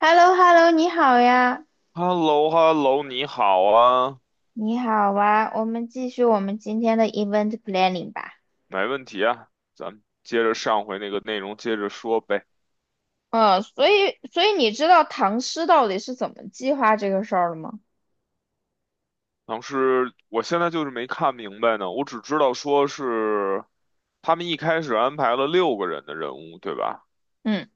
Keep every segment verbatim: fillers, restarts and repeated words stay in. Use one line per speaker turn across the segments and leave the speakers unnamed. h e l l o h e l l o 你好呀，
h e l l o h e l l o 你好啊，
你好啊，我们继续我们今天的 event planning 吧。
没问题啊，咱们接着上回那个内容接着说呗。
嗯，所以所以你知道唐诗到底是怎么计划这个事儿了吗？
当时我现在就是没看明白呢，我只知道说是他们一开始安排了六个人的人物，对吧？
嗯，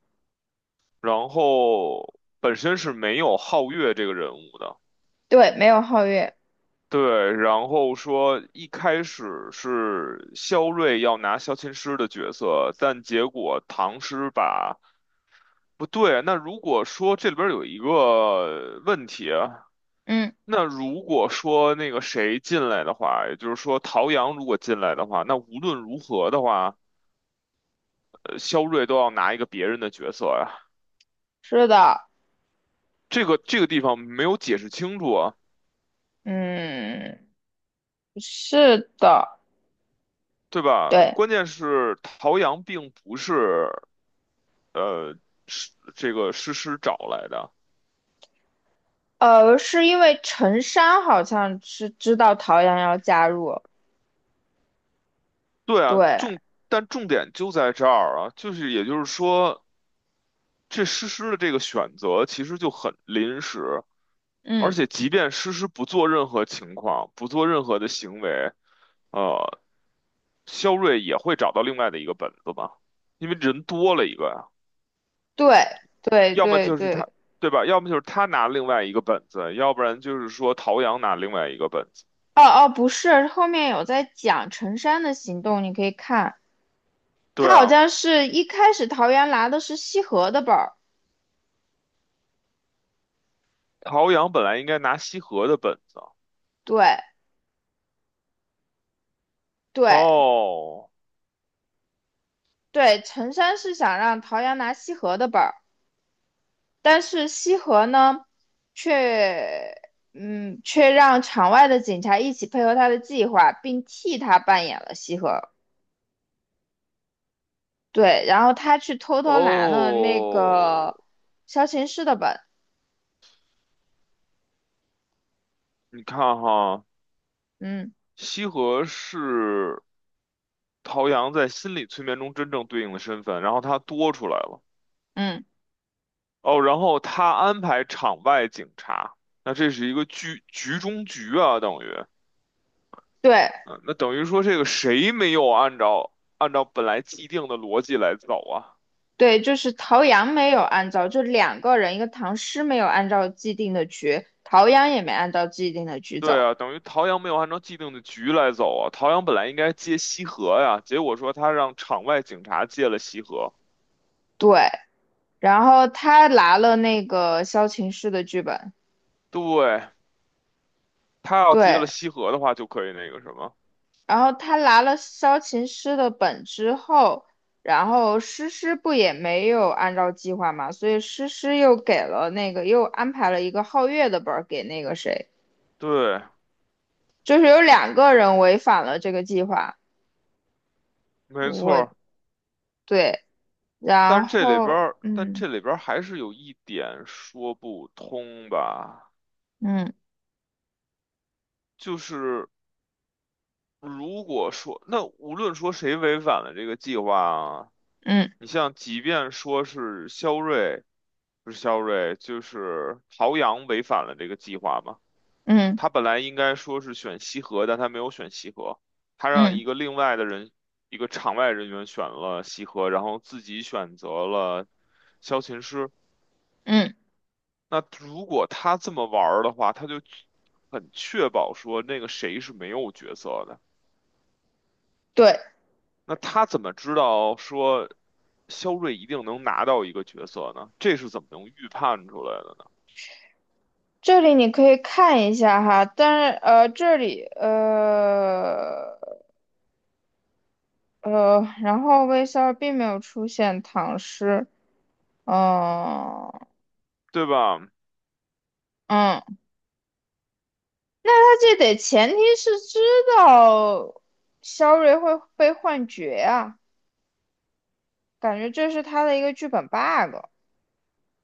然后本身是没有皓月这个人物的，
对，没有皓月。
对。然后说一开始是萧睿要拿萧琴师的角色，但结果唐诗把。不对，那如果说这里边儿有一个问题啊，
嗯，
那如果说那个谁进来的话，也就是说陶阳如果进来的话，那无论如何的话，呃，肖瑞都要拿一个别人的角色呀。
是的，
这个这个地方没有解释清楚啊，
嗯，是的，
对吧？
对，
关键是陶阳并不是是这个诗诗找来的，
呃，是因为陈山好像是知道陶阳要加入，
对啊，
对，
重但重点就在这儿啊，就是也就是说。这诗诗的这个选择其实就很临时，而
嗯，
且即便诗诗不做任何情况，不做任何的行为，呃，肖瑞也会找到另外的一个本子吧？因为人多了一个呀，
对，对
要么
对
就是他，
对，
对吧？要么就是他拿另外一个本子，要不然就是说陶阳拿另外一个本子。
哦哦，不是，后面有在讲陈山的行动，你可以看。他
对
好
啊，
像是一开始桃园拿的是西河的本儿，
陶阳本来应该拿西河的本子啊。
对对
哦
对，陈山是想让桃园拿西河的本儿，但是西河呢，却嗯却让场外的警察一起配合他的计划，并替他扮演了西河。对，然后他去偷偷拿了那
哦，
个萧琴师的本，
你看哈，
嗯
西河是陶阳在心理催眠中真正对应的身份，然后他多出来了。
嗯，
哦，然后他安排场外警察，那这是一个局局中局啊，等于，
对，
嗯，那等于说这个谁没有按照按照本来既定的逻辑来走啊？
对，就是陶阳没有按照，就两个人，一个唐诗没有按照既定的局，陶阳也没按照既定的局
对
走。
啊，等于陶阳没有按照既定的局来走啊。陶阳本来应该接西河呀，结果说他让场外警察接了西河，
对，然后他拿了那个萧琴师的剧本，
对，他要接
对，
了西河的话，就可以那个什么，
然后他拿了萧琴师的本之后，然后诗诗不也没有按照计划嘛，所以诗诗又给了那个又安排了一个皓月的本儿给那个谁，
对，
就是有两个人违反了这个计划。
没
我
错。
对，
但
然
是这里边
后
儿，但
嗯。
这里边儿还是有一点说不通吧，
嗯
就是如果说，那无论说谁违反了这个计划啊，
嗯
你像即便说是肖瑞，不是肖瑞，就是陶阳违反了这个计划嘛，
嗯
他本来应该说是选西河，但他没有选西河，他让
嗯
一个另外的人，一个场外人员选了西河，然后自己选择了萧琴师。
嗯，
那如果他这么玩儿的话，他就很确保说那个谁是没有角色的。
对，
那他怎么知道说肖瑞一定能拿到一个角色呢？这是怎么能预判出来的呢？
这里你可以看一下哈，但是呃，这里呃呃，然后微笑并没有出现唐诗，哦、
对吧？
嗯，那他这得前提是知道肖瑞会被幻觉啊，感觉这是他的一个剧本 bug，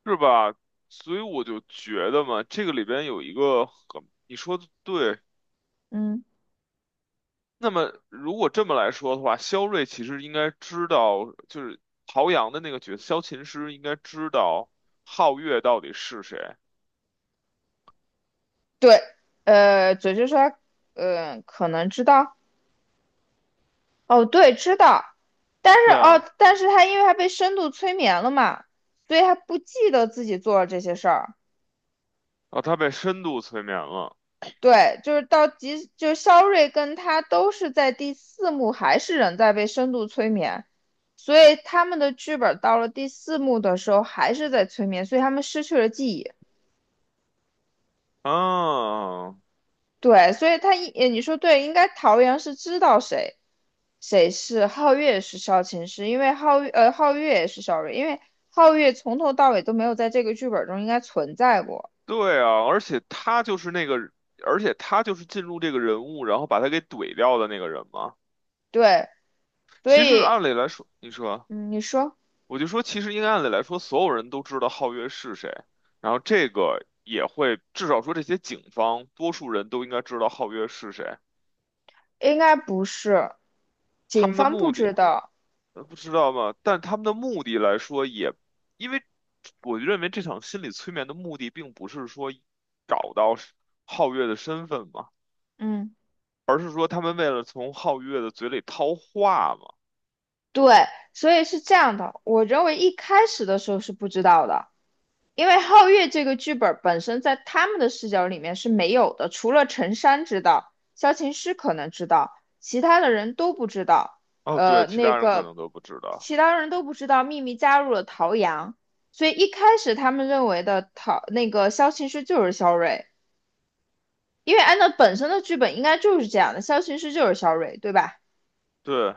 是吧？所以我就觉得嘛，这个里边有一个很，你说的对。
嗯，
那么如果这么来说的话，肖瑞其实应该知道，就是陶阳的那个角色，萧琴师应该知道皓月到底是谁。
对，呃，嘴就说他呃，可能知道。哦，对，知道，但是
对
哦，
啊。
但是他因为他被深度催眠了嘛，所以他不记得自己做了这些事儿。
哦，他被深度催眠了。
对，就是到即，就是肖瑞跟他都是在第四幕还是人在被深度催眠，所以他们的剧本到了第四幕的时候还是在催眠，所以他们失去了记忆。
啊，
对，所以他一，呃你说对，应该桃园是知道谁，谁是皓月是萧琴师，是因为皓月呃皓月也是萧睿，因为皓月从头到尾都没有在这个剧本中应该存在过。
对啊，而且他就是那个，而且他就是进入这个人物，然后把他给怼掉的那个人嘛。
对，所
其实
以
按理来说，你说，
嗯，你说
我就说，其实应该按理来说，所有人都知道皓月是谁，然后这个也会，至少说这些警方，多数人都应该知道皓月是谁。
应该不是，
他
警
们的
方不
目的，
知道。
呃不知道嘛，但他们的目的来说也，因为我认为这场心理催眠的目的并不是说找到是皓月的身份嘛，
嗯，
而是说他们为了从皓月的嘴里套话嘛。
对，所以是这样的，我认为一开始的时候是不知道的。因为皓月这个剧本本身在他们的视角里面是没有的，除了陈山知道，萧琴师可能知道，其他的人都不知道。
哦，对，
呃，
其
那
他人可
个
能都不知道。
其他人都不知道秘密加入了陶阳，所以一开始他们认为的陶那个萧琴师就是萧睿，因为按照本身的剧本应该就是这样的，萧琴师就是萧睿，对吧？
对，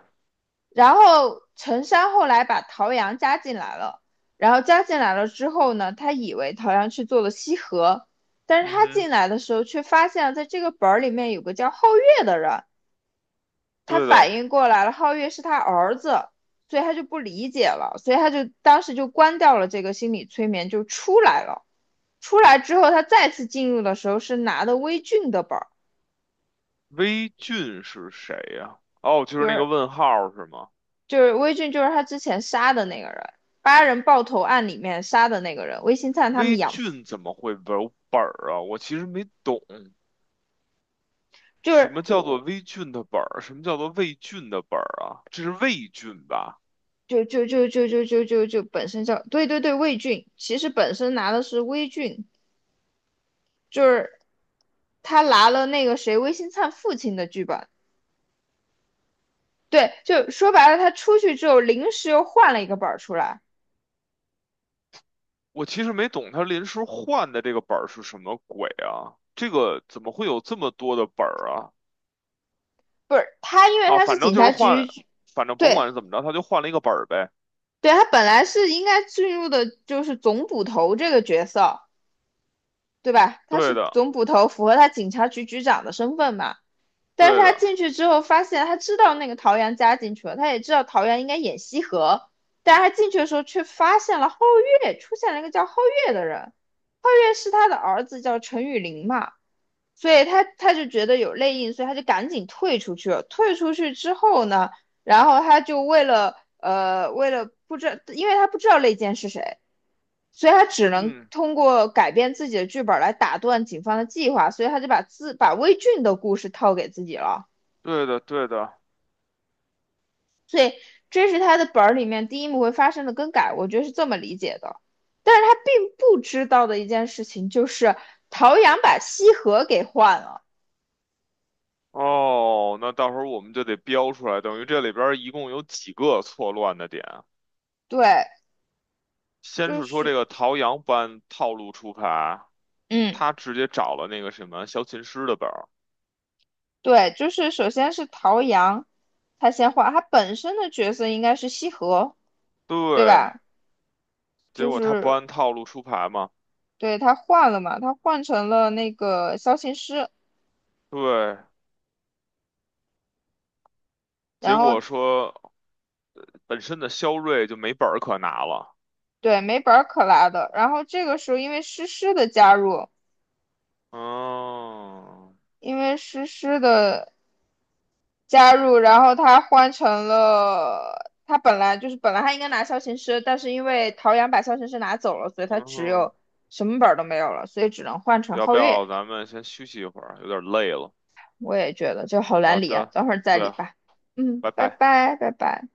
然后陈山后来把陶阳加进来了，然后加进来了之后呢，他以为陶阳去做了西河，但是
嗯
他
哼，
进来的时候却发现了在这个本儿里面有个叫皓月的人，他
对
反
的。
应过来了，皓月是他儿子，所以他就不理解了，所以他就当时就关掉了这个心理催眠，就出来了。出来之后，他再次进入的时候是拿的微俊的本儿，
微俊是谁呀、哦，就是
就
那个
是
问号是吗？
就是微俊，就是他之前杀的那个人，八人爆头案里面杀的那个人，魏新灿他
微
们养
俊怎么会有本儿啊？我其实没懂。
就
什
是
么叫做
我，
微菌的本儿？什么叫做魏菌的本儿啊？这是魏菌吧？
就就就就就就就就本身叫，对对对，魏俊，其实本身拿的是微俊，就是他拿了那个谁魏新灿父亲的剧本，对，就说白了，他出去之后临时又换了一个本儿出来，
我其实没懂他临时换的这个本儿是什么鬼啊？这个怎么会有这么多的本儿啊？
不是他，因为
啊，
他是
反正
警
就是
察
换
局，
了，反正甭
对
管是怎么着，他就换了一个本儿呗。
对，他本来是应该进入的就是总捕头这个角色。对吧？他
对
是
的，
总捕头，符合他警察局局长的身份嘛。但是
对
他
的，
进去之后，发现他知道那个陶阳加进去了，他也知道陶阳应该演西河，但是他进去的时候却发现了皓月，出现了一个叫皓月的人。皓月是他的儿子，叫陈雨林嘛。所以他他就觉得有内应，所以他就赶紧退出去了。退出去之后呢，然后他就为了呃为了不知道，因为他不知道内奸是谁，所以他只能
嗯，
通过改变自己的剧本来打断警方的计划，所以他就把自把魏俊的故事套给自己了。
对的，对的。
所以这是他的本儿里面第一幕会发生的更改，我觉得是这么理解的。但是他并不知道的一件事情就是陶阳把西河给换了，
哦，那到时候我们就得标出来，等于这里边儿一共有几个错乱的点啊。
对，
先
就
是说这
是
个陶阳不按套路出牌，
嗯。
他直接找了那个什么小琴师的本儿。
对，就是首先是陶阳，他先换，他本身的角色应该是西河，对
对，
吧？
结
就
果他不
是
按套路出牌嘛，
对他换了嘛，他换成了那个萧琴师，
对，结
然
果
后
说本身的肖瑞就没本儿可拿了。
对没本儿可拿的，然后这个时候因为诗诗的加入，
嗯
因为诗诗的加入，然后他换成了他本来就是本来他应该拿萧琴师，但是因为陶阳把萧琴师拿走了，所以他
嗯
只
哼
有什么本儿都没有了，所以只能换成
要不
皓月。
要咱们先休息一会儿？有点累了。
我也觉得，就好
好
难理啊，
的，
等会儿再
对，
理吧。嗯，
拜
拜
拜。
拜，拜拜。